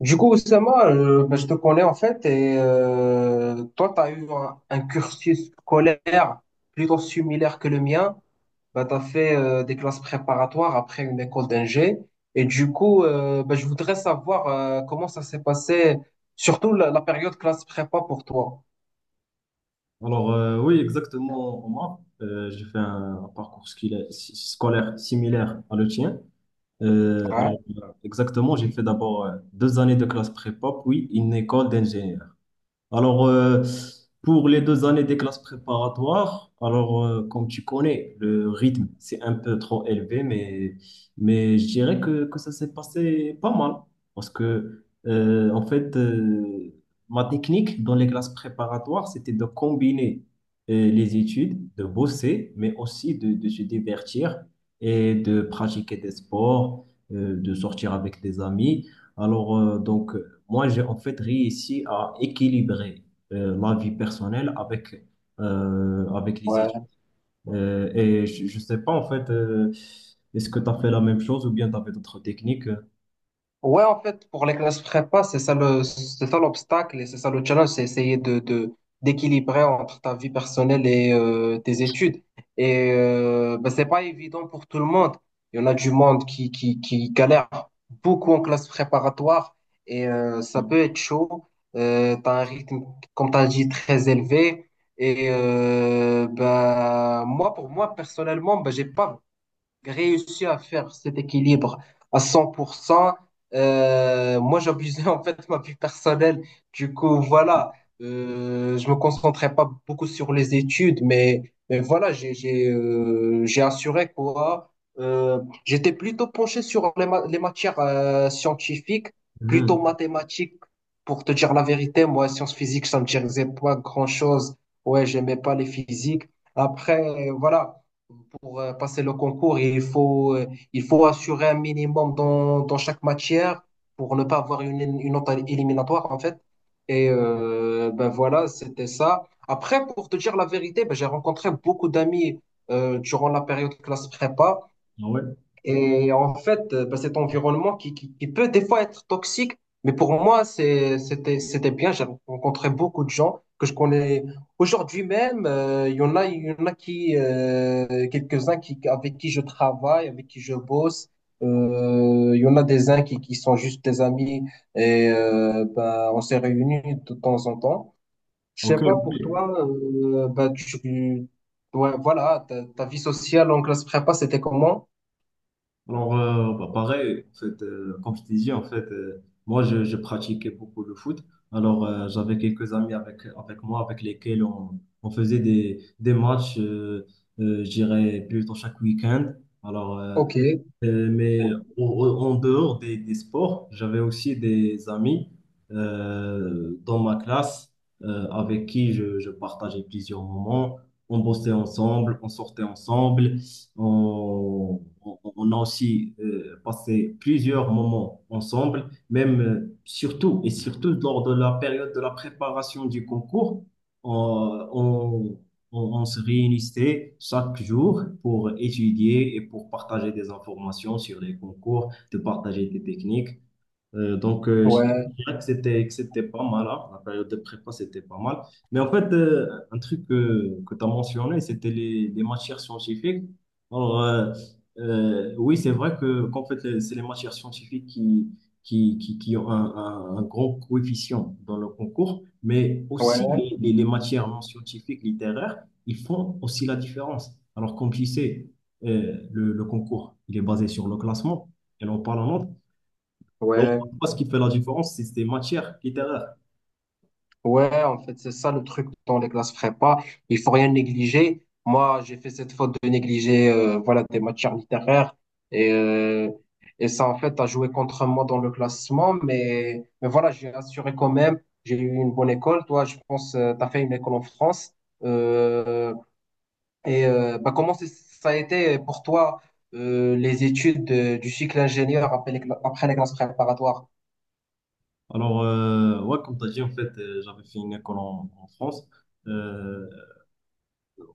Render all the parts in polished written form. Du coup, Oussama, ben, je te connais en fait, et toi, tu as eu un cursus scolaire plutôt similaire que le mien. Ben, tu as fait des classes préparatoires après une école d'ingé. Et du coup, ben, je voudrais savoir comment ça s'est passé, surtout la période classe prépa pour toi. Oui, exactement, Omar. J'ai fait un parcours scolaire similaire à le tien. Euh, alors, Ouais. Exactement, j'ai fait d'abord deux années de classe prépa, puis une école d'ingénieur. Alors, euh, pour les deux années des classes préparatoires, comme tu connais, le rythme, c'est un peu trop élevé, mais je dirais que ça s'est passé pas mal. Parce que ma technique dans les classes préparatoires, c'était de combiner les études, de bosser, mais aussi de se divertir et de pratiquer des sports, de sortir avec des amis. Moi, j'ai en fait réussi à équilibrer ma vie personnelle avec, avec les études. Ouais. Et je sais pas, est-ce que tu as fait la même chose ou bien tu avais d'autres techniques? Ouais, en fait, pour les classes prépa, c'est ça l'obstacle et c'est ça le challenge, c'est essayer d'équilibrer entre ta vie personnelle et tes études. Et ben, c'est pas évident pour tout le monde. Il y en a du monde qui galère beaucoup en classe préparatoire et ça peut être chaud. T'as un rythme, comme t'as dit, très élevé. Et ben, moi, pour moi, personnellement, ben, j'ai pas réussi à faire cet équilibre à 100%. Moi, j'abusais en fait ma vie personnelle. Du coup, voilà, je me concentrais pas beaucoup sur les études, mais voilà, j'ai assuré quoi. J'étais plutôt penché sur les matières scientifiques, plutôt Mhm. mathématiques. Pour te dire la vérité, moi, sciences physiques, ça me disait pas grand-chose. Ouais, j'aimais pas les physiques. Après, voilà pour passer le concours il faut assurer un minimum dans chaque matière pour ne pas avoir une autre éliminatoire en fait. Et ben voilà, c'était ça. Après, pour te dire la vérité, ben, j'ai rencontré beaucoup d'amis durant la période classe prépa. Ah ouais, Et en fait, bah, cet environnement qui peut des fois être toxique, mais pour moi, c'était bien. J'ai rencontré beaucoup de gens que je connais. Aujourd'hui même, il y en a quelques-uns qui, avec qui je travaille, avec qui je bosse. Il y en a des uns qui sont juste des amis et bah, on s'est réunis de temps en temps. Je sais ok, pas ok. pour toi, bah, ouais, voilà, ta vie sociale en classe prépa, c'était comment? Pareil, comme je t'ai dit, moi, je pratiquais beaucoup le foot. J'avais quelques amis avec moi, avec lesquels on faisait des matchs, je dirais, plutôt chaque week-end. Alors, euh, Ok, mais en dehors des sports, j'avais aussi des amis dans ma classe avec qui je partageais plusieurs moments. On bossait ensemble, on sortait ensemble. On a aussi passé plusieurs moments ensemble, même surtout et surtout lors de la période de la préparation du concours. On, on se réunissait chaque jour pour étudier et pour partager des informations sur les concours, de partager des techniques. Je ouais, dirais que c'était pas mal, hein. La période de prépa, c'était pas mal. Mais un truc que tu as mentionné, c'était les matières scientifiques. Alors, euh, oui, c'est vrai que c'est les matières scientifiques qui ont un grand coefficient dans le concours, mais aussi ouais, les matières non scientifiques, littéraires, ils font aussi la différence. Alors, comme tu sais, le concours, il est basé sur le classement et non pas la note. ouais. Moi, ce qui fait la différence, c'est matière littéraire. Ouais, en fait, c'est ça le truc dans les classes prépa. Il faut rien négliger. Moi, j'ai fait cette faute de négliger, voilà, des matières littéraires. Et, euh, et ça, en fait, a joué contre moi dans le classement. Mais voilà, j'ai assuré quand même. J'ai eu une bonne école. Toi, je pense, t'as fait une école en France. Euh, et bah, comment ça a été pour toi les études du cycle ingénieur après après les classes préparatoires? Ouais, comme tu as dit, j'avais fait une école en France. Euh,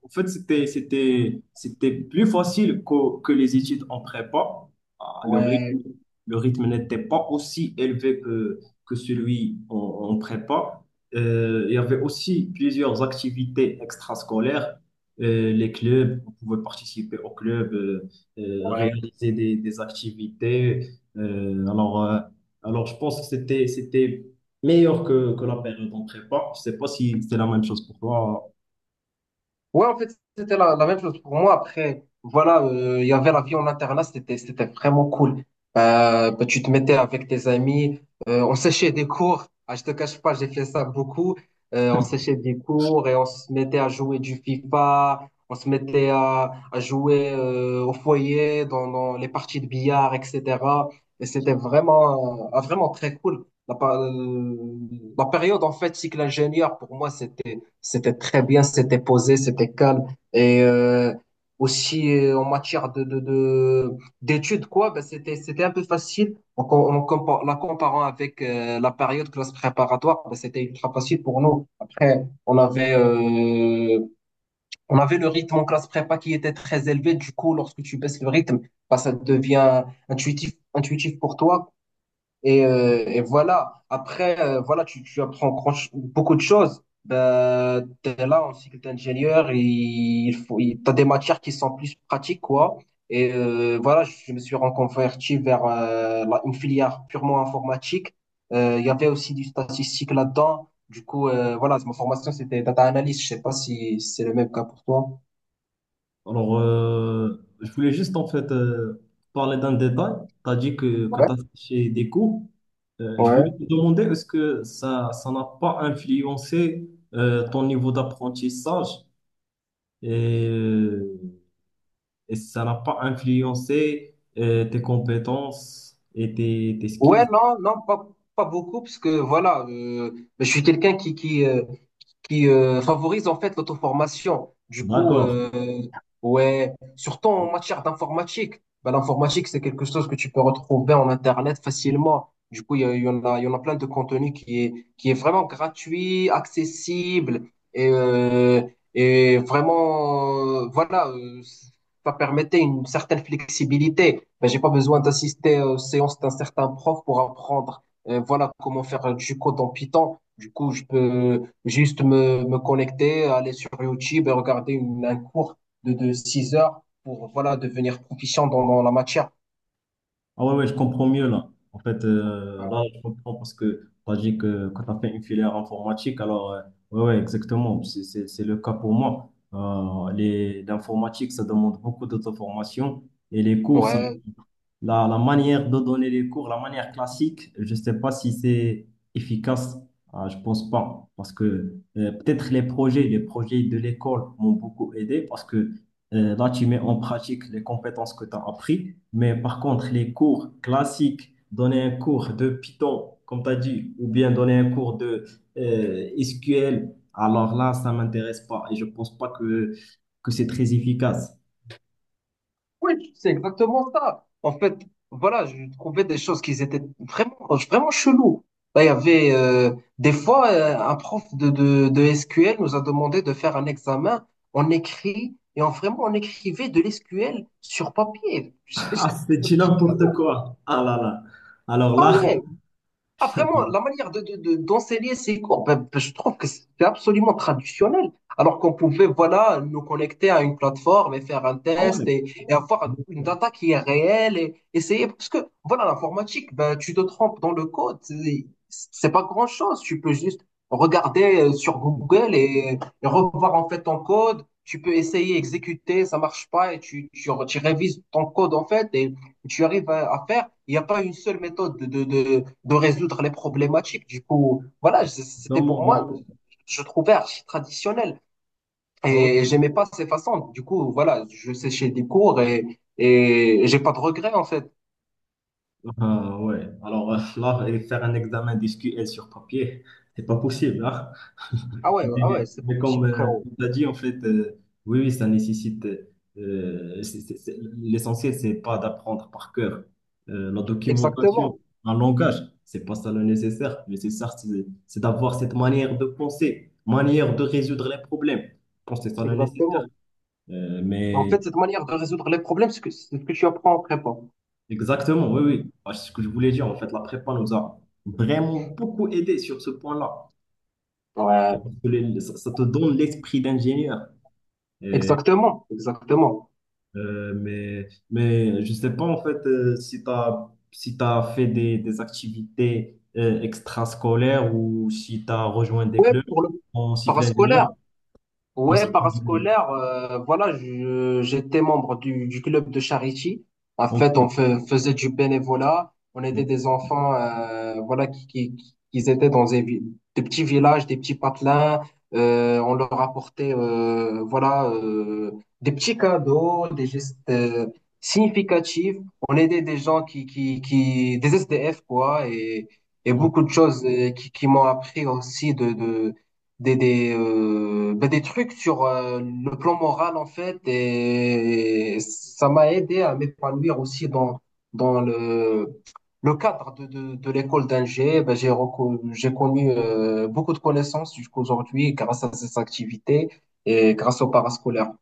en fait, c'était, c'était, C'était plus facile que les études en prépa. Ah, le rythme, Ouais, le rythme n'était pas aussi élevé que celui en prépa. Il y avait aussi plusieurs activités extrascolaires. Les clubs, on pouvait participer au club, ouais. réaliser des activités. Euh, alors, euh, je pense que c'était meilleur que la période en prépa. Je sais pas si c'est la même chose pour toi. Ouais, en fait, c'était la même chose pour moi. Après, voilà, il y avait la vie en internat, c'était vraiment cool. Bah, tu te mettais avec tes amis, on séchait des cours. Ah, je te cache pas, j'ai fait ça beaucoup. On séchait des cours et on se mettait à jouer du FIFA, on se mettait à jouer au foyer, dans les parties de billard, etc. Et c'était vraiment, vraiment très cool. La période, en fait, cycle ingénieur, pour moi, c'était très bien, c'était posé, c'était calme. Et aussi en matière d'études, quoi, ben c'était un peu facile. En, com- en compa- La comparant avec la période classe préparatoire, ben c'était ultra facile pour nous. Après, on avait le rythme en classe prépa qui était très élevé. Du coup, lorsque tu baisses le rythme, ben, ça devient intuitif, intuitif pour toi. Et voilà. Après, voilà, tu apprends beaucoup de choses. Ben, t'es là en cycle d'ingénieur, t'as des matières qui sont plus pratiques, quoi. Et voilà, je me suis reconverti vers une filière purement informatique. Il y avait aussi du statistique là-dedans. Du coup, voilà, ma formation, c'était data analyst. Je sais pas si c'est le même cas pour toi. Je voulais juste en fait parler d'un détail. Tu as dit que Ouais. tu as fait chez des cours. Je voulais te Ouais. demander, est-ce que ça n'a pas influencé ton niveau d'apprentissage et, euh, et ça n'a pas influencé tes compétences et tes Ouais, skills? non, non, pas beaucoup, parce que voilà, je suis quelqu'un qui favorise en fait l'auto-formation. Du coup, D'accord. Ouais, surtout en matière d'informatique. Bah, l'informatique, c'est quelque chose que tu peux retrouver en Internet facilement. Du coup, il y en a plein de contenu qui est vraiment gratuit, accessible et, euh, et vraiment, voilà, ça permettait une certaine flexibilité. Ben, j'ai pas besoin d'assister aux séances d'un certain prof pour apprendre, voilà, comment faire du code en Python. Du coup, je peux, juste me connecter, aller sur YouTube et regarder un cours de 6 heures pour voilà, devenir proficient dans la matière. Ah ouais, ouais, je comprends mieux là. En fait, là, Ouais. je comprends parce que tu as dit que quand tu as fait une filière informatique, ouais, ouais, exactement, c'est le cas pour moi. L'informatique, ça demande beaucoup d'auto-formation et les cours, ça, Ouais. La manière de donner les cours, la manière classique, je ne sais pas si c'est efficace. Ah, je pense pas, parce que peut-être les projets de l'école m'ont beaucoup aidé, parce que là, tu mets en pratique les compétences que tu as apprises. Mais par contre, les cours classiques, donner un cours de Python, comme tu as dit, ou bien donner un cours de SQL, alors là, ça m'intéresse pas et je pense pas que c'est très efficace. Oui, c'est exactement ça. En fait, voilà, je trouvais des choses qui étaient vraiment, vraiment cheloues. Là, il y avait des fois un prof de SQL nous a demandé de faire un examen en écrit et en vraiment on écrivait de l'SQL sur papier. Je Ah, trouvais c'est ça du très n'importe chelou. quoi. Ah là là. Alors Ah là, ouais, ah vraiment, la manière d'enseigner ces cours, ben, je trouve que c'est absolument traditionnel. Alors qu'on pouvait, voilà, nous connecter à une plateforme et faire un ah test ouais. Et avoir une data qui est réelle et essayer. Parce que, voilà, l'informatique, ben, tu te trompes dans le code, c'est pas grand-chose. Tu peux juste regarder sur Google et revoir en fait ton code. Tu peux essayer, exécuter, ça marche pas et tu révises ton code en fait. Et tu arrives à faire. Il n'y a pas une seule méthode de résoudre les problématiques. Du coup, voilà, Dans c'était pour moi, mon... je trouvais archi traditionnel. ouais, Et j'aimais pas ces façons. Du coup, voilà, je séchais des cours et j'ai pas de regrets, en fait. ah, ouais. Alors là, et faire un examen d'SQL sur papier, c'est pas possible, hein. Ah ouais, ah ouais, c'est pas mais comme possible, frérot. tu as dit, oui, oui, ça nécessite. L'essentiel, c'est pas d'apprendre par cœur la documentation, Exactement, un langage. C'est pas ça le nécessaire. Le nécessaire, c'est d'avoir cette manière de penser, manière de résoudre les problèmes. Je pense que c'est ça le nécessaire. exactement. Euh, En mais fait, cette manière de résoudre les problèmes, c'est ce que tu apprends en prépa. exactement, oui, oui. Ah, c'est ce que je voulais dire. En fait, la prépa nous a vraiment beaucoup aidé sur ce point-là. Parce Ouais, que ça, ça te donne l'esprit d'ingénieur. Et, exactement, exactement. mais je ne sais pas, si tu as, si t'as fait des activités extrascolaires ou si tu as rejoint des Ouais, clubs pour le en cycle ingénieur. parascolaire. En Ouais, cycle ingénieur. parascolaire, voilà, j'étais membre du club de charity. En Ok. fait, on faisait du bénévolat. On aidait Ok. des enfants, voilà, qui étaient des petits villages, des petits patelins. On leur apportait, voilà, des petits cadeaux, des gestes significatifs. On aidait des gens des SDF, quoi, et Ok. beaucoup de choses qui m'ont appris aussi des trucs sur le plan moral, en fait, et ça m'a aidé à m'épanouir aussi dans le cadre de l'école d'Angers. Ben, j'ai connu beaucoup de connaissances jusqu'aujourd'hui grâce à ces activités et grâce au parascolaire.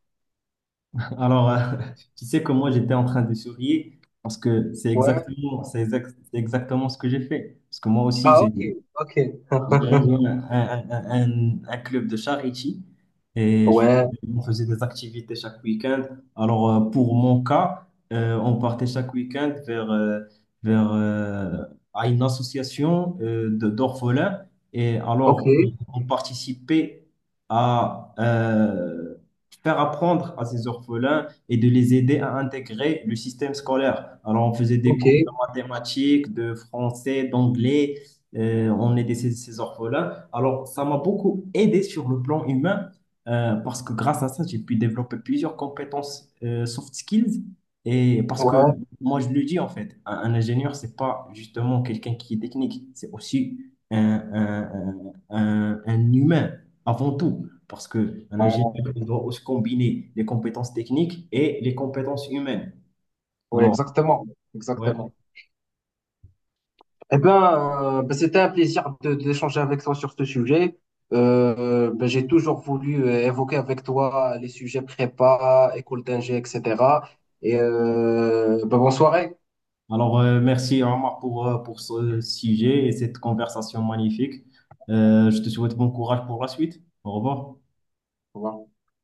Alors, euh, tu sais que moi, j'étais en train de sourire parce que c'est Ouais. exactement, c'est exactement ce que j'ai fait. Parce que moi aussi, Ah, ok, ok. j'ai rejoint un club de charity et je- Ouais, on faisait des activités chaque week-end. Pour mon cas, on partait chaque week-end vers, euh, à une association d'orphelins. Et ok, alors, on participait à faire apprendre à ces orphelins et de les aider à intégrer le système scolaire. Alors, on faisait des ok. cours de mathématiques, de français, d'anglais. On était ces, ces orphelins. Alors, ça m'a beaucoup aidé sur le plan humain parce que grâce à ça, j'ai pu développer plusieurs compétences soft skills. Et parce que Ouais, moi, je le dis un ingénieur, c'est pas justement quelqu'un qui est technique, c'est aussi un humain avant tout. Parce que un ouais, ingénieur, il doit aussi combiner les compétences techniques et les compétences humaines. ouais, Alors, exactement. ouais. Exactement. Eh ben, ben, c'était un plaisir d'échanger avec toi sur ce sujet. Ben, j'ai toujours voulu évoquer avec toi les sujets prépa, école d'ingé, etc. Et ben, bonne soirée. Merci Omar pour ce sujet et cette conversation magnifique. Je te souhaite bon courage pour la suite. Au revoir. Au revoir.